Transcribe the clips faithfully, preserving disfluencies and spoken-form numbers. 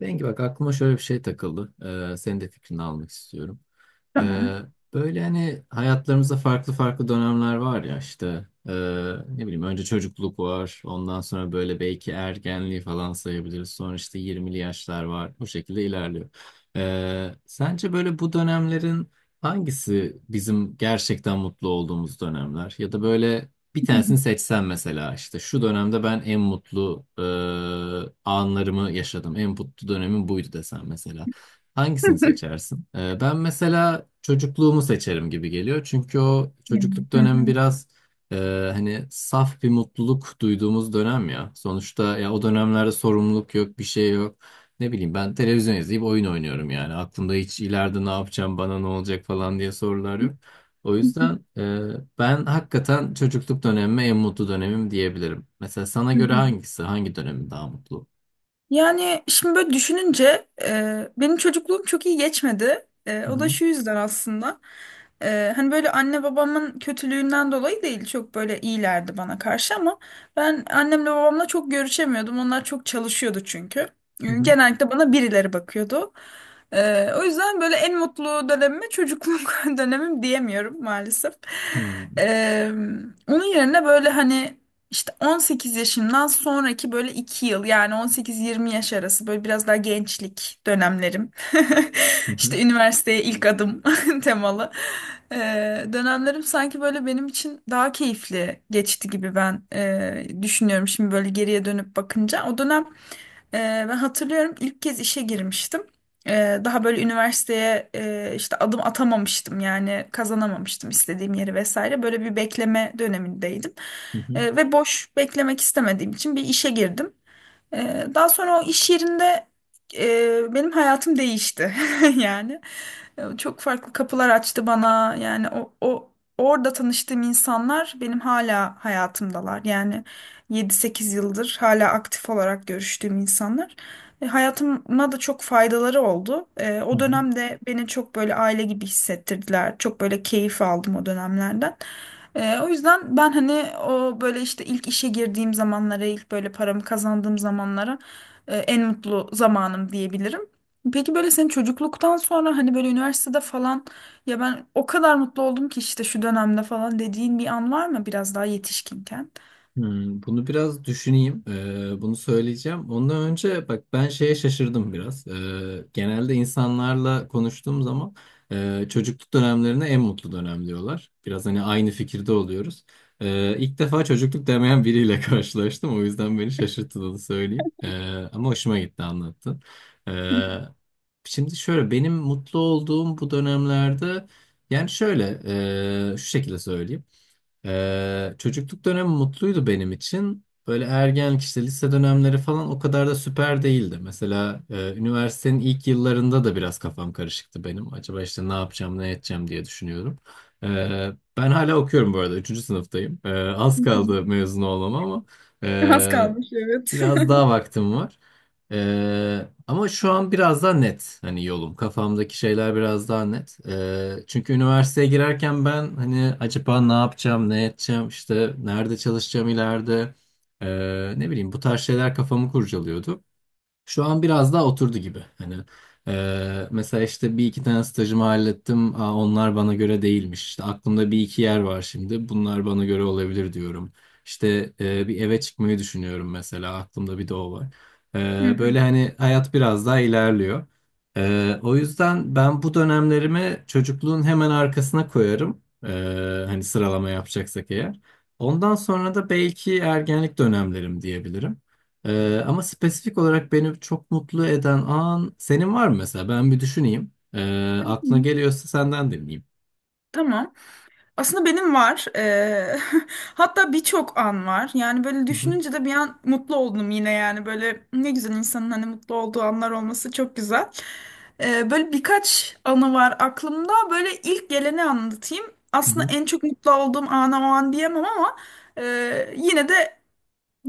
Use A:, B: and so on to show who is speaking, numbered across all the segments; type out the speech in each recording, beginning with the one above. A: Bengi bak aklıma şöyle bir şey takıldı. Ee, senin de fikrini almak istiyorum. Ee,
B: Tamam.
A: Böyle hani hayatlarımızda farklı farklı dönemler var ya işte ee, ne bileyim önce çocukluk var ondan sonra böyle belki ergenliği falan sayabiliriz sonra işte yirmili yaşlar var bu şekilde ilerliyor. Ee, sence böyle bu dönemlerin hangisi bizim gerçekten mutlu olduğumuz dönemler ya da böyle bir tanesini seçsen mesela işte şu dönemde ben en mutlu ee, anlarımı yaşadım en mutlu dönemim buydu desen mesela. Hangisini seçersin? Ee, ben mesela çocukluğumu seçerim gibi geliyor. Çünkü o
B: Yani,
A: çocukluk
B: hı
A: dönemi
B: hı,
A: biraz e, hani saf bir mutluluk duyduğumuz dönem ya. Sonuçta ya o dönemlerde sorumluluk yok, bir şey yok. Ne bileyim ben televizyon izleyip oyun oynuyorum yani. Aklımda hiç ileride ne yapacağım, bana ne olacak falan diye sorular yok. O yüzden e, ben hakikaten çocukluk dönemime en mutlu dönemim diyebilirim. Mesela sana
B: hı
A: göre
B: hı.
A: hangisi, hangi dönemin daha mutlu?
B: Yani şimdi böyle düşününce e, benim çocukluğum çok iyi geçmedi. E,
A: Hı
B: o da
A: hı,
B: şu yüzden aslında. E, hani böyle anne babamın kötülüğünden dolayı değil, çok böyle iyilerdi bana karşı, ama ben annemle babamla çok görüşemiyordum. Onlar çok çalışıyordu çünkü. E,
A: hı hı,
B: Genellikle bana birileri bakıyordu. E, o yüzden böyle en mutlu dönemime çocukluk dönemim diyemiyorum maalesef.
A: hı hı,
B: E, Onun yerine böyle hani, İşte on sekiz yaşından sonraki böyle iki yıl, yani on sekiz yirmi yaş arası, böyle biraz daha gençlik dönemlerim.
A: hı hı,
B: İşte üniversiteye ilk adım temalı. Ee, dönemlerim sanki böyle benim için daha keyifli geçti gibi ben e, düşünüyorum şimdi böyle geriye dönüp bakınca. O dönem ee, ben hatırlıyorum ilk kez işe girmiştim. Ee, daha böyle üniversiteye e, işte adım atamamıştım, yani kazanamamıştım istediğim yeri vesaire. Böyle bir bekleme dönemindeydim.
A: hı hı.
B: Ee, ve boş beklemek istemediğim için bir işe girdim. Ee, Daha sonra o iş yerinde e, benim hayatım değişti yani e, çok farklı kapılar açtı bana, yani o, o orada tanıştığım insanlar benim hala hayatımdalar, yani yedi sekiz yıldır hala aktif olarak görüştüğüm insanlar. E, hayatıma da çok faydaları oldu. E,
A: Hı
B: o
A: hı.
B: dönemde beni çok böyle aile gibi hissettirdiler, çok böyle keyif aldım o dönemlerden. Ee, o yüzden ben hani o böyle işte ilk işe girdiğim zamanlara, ilk böyle paramı kazandığım zamanlara e, en mutlu zamanım diyebilirim. Peki böyle senin çocukluktan sonra, hani böyle üniversitede falan, ya ben o kadar mutlu oldum ki işte şu dönemde falan dediğin bir an var mı biraz daha yetişkinken?
A: Hmm, bunu biraz düşüneyim. Ee, bunu söyleyeceğim. Ondan önce bak ben şeye şaşırdım biraz. Ee, genelde insanlarla konuştuğum zaman e, çocukluk dönemlerine en mutlu dönem diyorlar. Biraz hani aynı fikirde oluyoruz. Ee, ilk defa çocukluk demeyen biriyle karşılaştım. O yüzden beni şaşırttı onu söyleyeyim. Ee, ama hoşuma gitti anlattın. Ee, Şimdi şöyle benim mutlu olduğum bu dönemlerde yani şöyle e, şu şekilde söyleyeyim. Ee, çocukluk dönemi mutluydu benim için. Böyle ergenlik işte lise dönemleri falan o kadar da süper değildi. Mesela e, üniversitenin ilk yıllarında da biraz kafam karışıktı benim. Acaba işte ne yapacağım, ne edeceğim diye düşünüyorum. Ee, Ben hala okuyorum bu arada. Üçüncü sınıftayım. Ee,
B: Hı
A: az
B: hı.
A: kaldı mezun olmama ama
B: Az
A: e,
B: kalmış, evet.
A: biraz daha vaktim var. Ee, ama şu an biraz daha net, hani yolum, kafamdaki şeyler biraz daha net. Ee, çünkü üniversiteye girerken ben hani acaba ne yapacağım ne edeceğim işte nerede çalışacağım ileride, Ee, ne bileyim bu tarz şeyler kafamı kurcalıyordu. Şu an biraz daha oturdu gibi. Hani e, mesela işte bir iki tane stajımı hallettim. Aa, onlar bana göre değilmiş. İşte aklımda bir iki yer var şimdi. Bunlar bana göre olabilir diyorum. İşte e, bir eve çıkmayı düşünüyorum mesela. Aklımda bir de o var.
B: Hı
A: E,
B: hı.
A: böyle hani hayat biraz daha ilerliyor. E, o yüzden ben bu dönemlerimi çocukluğun hemen arkasına koyarım. E, hani sıralama yapacaksak eğer. Ondan sonra da belki ergenlik dönemlerim diyebilirim. Ee, ama spesifik olarak beni çok mutlu eden an senin var mı mesela? Ben bir düşüneyim. Ee, aklına
B: Hı.
A: geliyorsa senden dinleyeyim.
B: Tamam. Aslında benim var. Ee, hatta birçok an var. Yani böyle
A: Hı hı,
B: düşününce de bir an mutlu oldum yine, yani. Böyle ne güzel, insanın hani mutlu olduğu anlar olması çok güzel. Ee, böyle birkaç anı var aklımda. Böyle ilk geleni anlatayım.
A: hı
B: Aslında
A: hı.
B: en çok mutlu olduğum ana o an diyemem, ama e, yine de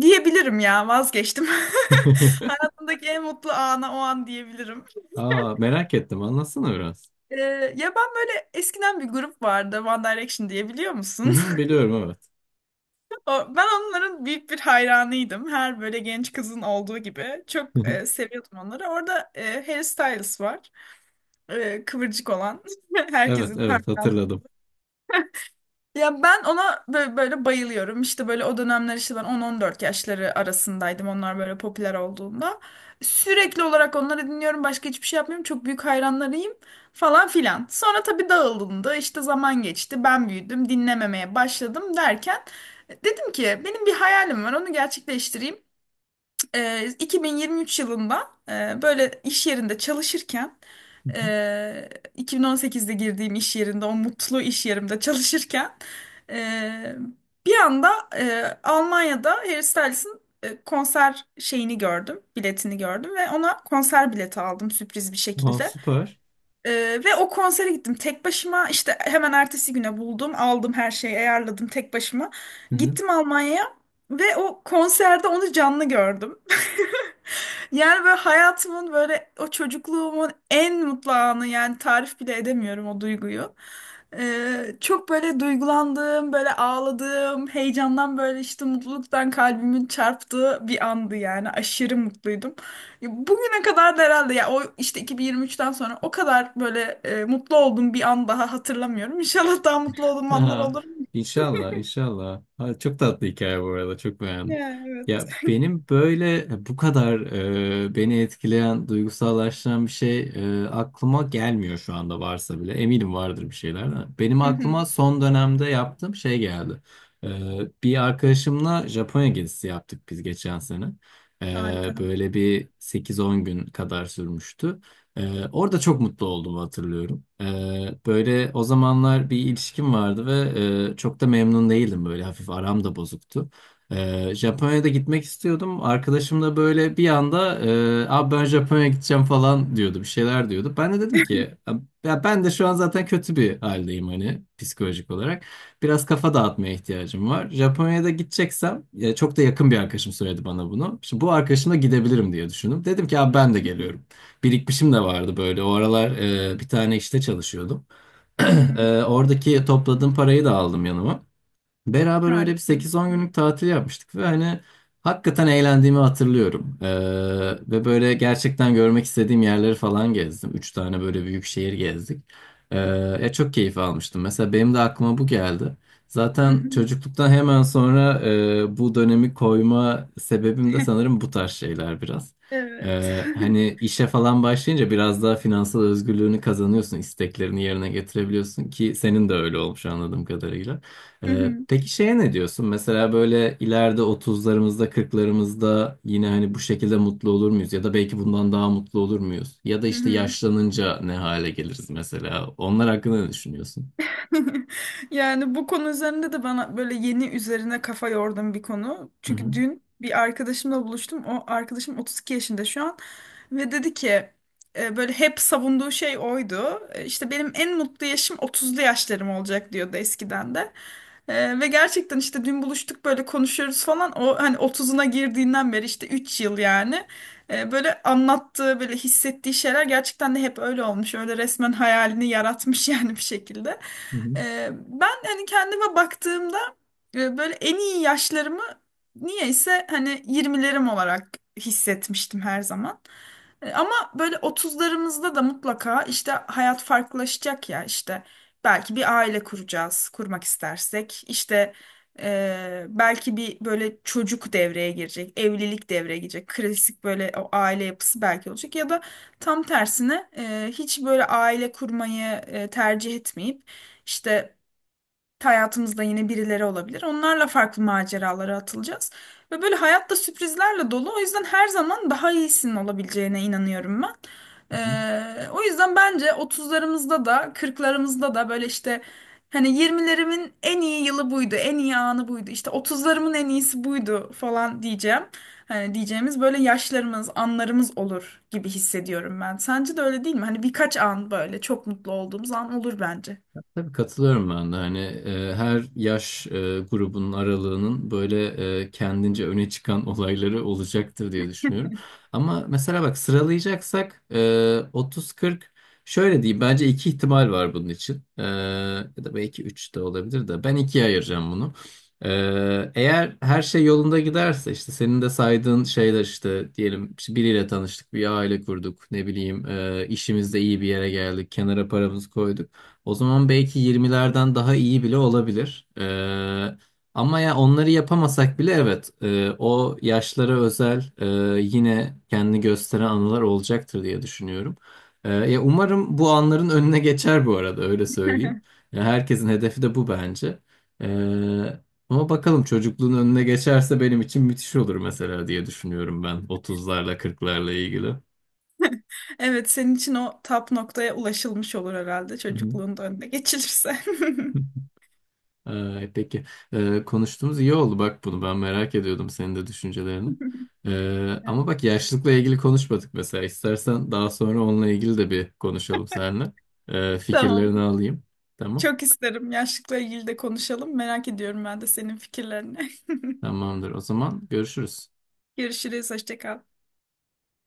B: diyebilirim. Ya, vazgeçtim. Hayatımdaki en mutlu ana o an diyebilirim.
A: Aa, merak ettim. Anlatsana biraz.
B: Ee, Ya, ben böyle eskiden bir grup vardı, One Direction diye, biliyor
A: Hı
B: musun?
A: hı, biliyorum evet.
B: O- Ben onların büyük bir hayranıydım. Her böyle genç kızın olduğu gibi. Çok e, seviyordum onları. Orada e, Harry Styles var. E, kıvırcık olan.
A: Evet
B: Herkesin
A: evet,
B: hayranı.
A: hatırladım.
B: Ya, ben ona böyle, böyle bayılıyorum. İşte böyle o dönemler, işte ben on on dört yaşları arasındaydım. Onlar böyle popüler olduğunda. Sürekli olarak onları dinliyorum. Başka hiçbir şey yapmıyorum. Çok büyük hayranlarıyım falan filan. Sonra tabii dağılındı. İşte zaman geçti. Ben büyüdüm. Dinlememeye başladım, derken e, dedim ki, benim bir hayalim var. Onu gerçekleştireyim. e, iki bin yirmi üç yılında e, böyle iş yerinde çalışırken,
A: Hı
B: e, iki bin on sekizde girdiğim iş yerinde, o mutlu iş yerimde çalışırken, e, bir anda e, Almanya'da Harry Styles'ın e, konser şeyini gördüm, biletini gördüm ve ona konser bileti aldım, sürpriz bir
A: hı. Aa,
B: şekilde.
A: süper.
B: Ee, Ve o konsere gittim tek başıma, işte hemen ertesi güne buldum, aldım, her şeyi ayarladım, tek başıma gittim Almanya'ya ve o konserde onu canlı gördüm. Yani böyle hayatımın, böyle o çocukluğumun en mutlu anı, yani tarif bile edemiyorum o duyguyu. Ee, çok böyle duygulandığım, böyle ağladığım, heyecandan böyle işte mutluluktan kalbimin çarptığı bir andı, yani aşırı mutluydum. Ya, Bugüne kadar da herhalde, ya o işte iki bin yirmi üçten sonra o kadar böyle e, mutlu olduğum bir an daha hatırlamıyorum. İnşallah daha mutlu olduğum anlar
A: Aha,
B: olur.
A: inşallah, inşallah. Ha, çok tatlı hikaye bu arada, çok beğendim.
B: Ya, evet.
A: Ya benim böyle e, bu kadar e, beni etkileyen, duygusallaştıran bir şey e, aklıma gelmiyor şu anda varsa bile. Eminim vardır bir şeyler de. Benim
B: Hı hı.
A: aklıma son dönemde yaptığım şey geldi. E, Bir arkadaşımla Japonya gezisi yaptık biz geçen sene. E,
B: Harika.
A: böyle bir sekiz on gün kadar sürmüştü. Ee, orada çok mutlu olduğumu hatırlıyorum. Ee, böyle o zamanlar bir ilişkim vardı ve e, çok da memnun değildim, böyle hafif aram da bozuktu. Ee, Japonya'da gitmek istiyordum. Arkadaşım da böyle bir anda e, abi ben Japonya'ya gideceğim falan diyordu, bir şeyler diyordu. Ben de dedim ki ya ben de şu an zaten kötü bir haldeyim, hani psikolojik olarak. Biraz kafa dağıtmaya ihtiyacım var. Japonya'da gideceksem, ya çok da yakın bir arkadaşım söyledi bana bunu. Şimdi bu arkadaşımla gidebilirim diye düşündüm. Dedim ki abi ben de
B: Hı
A: geliyorum, birikmişim de vardı böyle. O aralar e, bir tane işte çalışıyordum.
B: hı.
A: E, oradaki topladığım parayı da aldım yanıma. Beraber öyle bir
B: Harika.
A: sekiz on günlük tatil yapmıştık ve hani hakikaten eğlendiğimi hatırlıyorum. Ee, ve böyle gerçekten görmek istediğim yerleri falan gezdim. Üç tane böyle büyük şehir gezdik. Ee, Ya çok keyif almıştım. Mesela benim de aklıma bu geldi.
B: Hı
A: Zaten
B: hı.
A: çocukluktan hemen sonra e, bu dönemi koyma sebebim de sanırım bu tarz şeyler biraz.
B: Evet.
A: Ee, hani işe falan başlayınca biraz daha finansal özgürlüğünü kazanıyorsun, isteklerini yerine getirebiliyorsun, ki senin de öyle olmuş anladığım kadarıyla.
B: Hı
A: Ee,
B: hı.
A: peki şeye ne diyorsun? Mesela böyle ileride otuzlarımızda, kırklarımızda yine hani bu şekilde mutlu olur muyuz? Ya da belki bundan daha mutlu olur muyuz? Ya da
B: Hı
A: işte
B: hı.
A: yaşlanınca ne hale geliriz mesela? Onlar hakkında ne düşünüyorsun?
B: Yani bu konu üzerinde de bana böyle yeni üzerine kafa yordum, bir konu.
A: Hı
B: Çünkü
A: hı.
B: dün bir arkadaşımla buluştum. O arkadaşım otuz iki yaşında şu an, ve dedi ki, e, böyle hep savunduğu şey oydu. E, İşte benim en mutlu yaşım otuzlu yaşlarım olacak diyordu eskiden de. E, ve gerçekten işte dün buluştuk, böyle konuşuyoruz falan. O hani otuzuna girdiğinden beri, işte üç yıl yani. E, böyle anlattığı böyle hissettiği şeyler gerçekten de hep öyle olmuş. Öyle resmen hayalini yaratmış yani bir şekilde.
A: Hı
B: Ee, ben hani kendime baktığımda e, böyle en iyi yaşlarımı niyeyse hani yirmilerim olarak hissetmiştim her zaman. E, ama böyle otuzlarımızda da mutlaka işte hayat farklılaşacak, ya işte belki bir aile kuracağız, kurmak istersek işte, e, belki bir böyle çocuk devreye girecek, evlilik devreye girecek, klasik böyle o aile yapısı belki olacak, ya da tam tersine e, hiç böyle aile kurmayı e, tercih etmeyip, işte hayatımızda yine birileri olabilir. Onlarla farklı maceralara atılacağız. Ve böyle hayatta sürprizlerle dolu. O yüzden her zaman daha iyisinin olabileceğine inanıyorum ben.
A: hı.
B: Ee, o yüzden bence otuzlarımızda da kırklarımızda da böyle işte hani yirmilerimin en iyi yılı buydu, en iyi anı buydu, İşte otuzlarımın en iyisi buydu falan diyeceğim. Hani diyeceğimiz böyle yaşlarımız, anlarımız olur gibi hissediyorum ben. Sence de öyle değil mi? Hani birkaç an böyle çok mutlu olduğumuz an olur bence.
A: Tabii katılıyorum ben de, hani e, her yaş e, grubunun aralığının böyle e, kendince öne çıkan olayları olacaktır diye düşünüyorum. Ama mesela bak sıralayacaksak e, otuz kırk, şöyle diyeyim bence iki ihtimal var bunun için. E, ya da belki üç de olabilir de, ben ikiye ayıracağım bunu. E, eğer her şey yolunda giderse, işte senin de saydığın şeyler, işte diyelim işte biriyle tanıştık, bir aile kurduk, ne bileyim e, işimizde iyi bir yere geldik, kenara paramızı koyduk. O zaman belki yirmilerden daha iyi bile olabilir. Ee, ama ya onları yapamasak bile, evet e, o yaşlara özel e, yine kendini gösteren anılar olacaktır diye düşünüyorum. Ee, ya umarım bu anların önüne geçer, bu arada öyle söyleyeyim. Ya herkesin hedefi de bu bence. Ee, Ama bakalım çocukluğun önüne geçerse benim için müthiş olur mesela diye düşünüyorum ben otuzlarla kırklarla ilgili.
B: Evet, senin için o tap noktaya ulaşılmış olur herhalde,
A: Hı
B: çocukluğun da önüne geçilirse.
A: hı. Ee, peki Ee, konuştuğumuz iyi oldu bak, bunu ben merak ediyordum, senin de düşüncelerini. Ee,
B: Evet.
A: ama bak yaşlılıkla ilgili konuşmadık, mesela istersen daha sonra onunla ilgili de bir konuşalım seninle. Ee, fikirlerini
B: Tamam.
A: alayım. Tamam.
B: Çok isterim. Yaşlılıkla ilgili de konuşalım. Merak ediyorum ben de senin fikirlerini.
A: Tamamdır. O zaman görüşürüz.
B: Görüşürüz. Hoşça kal.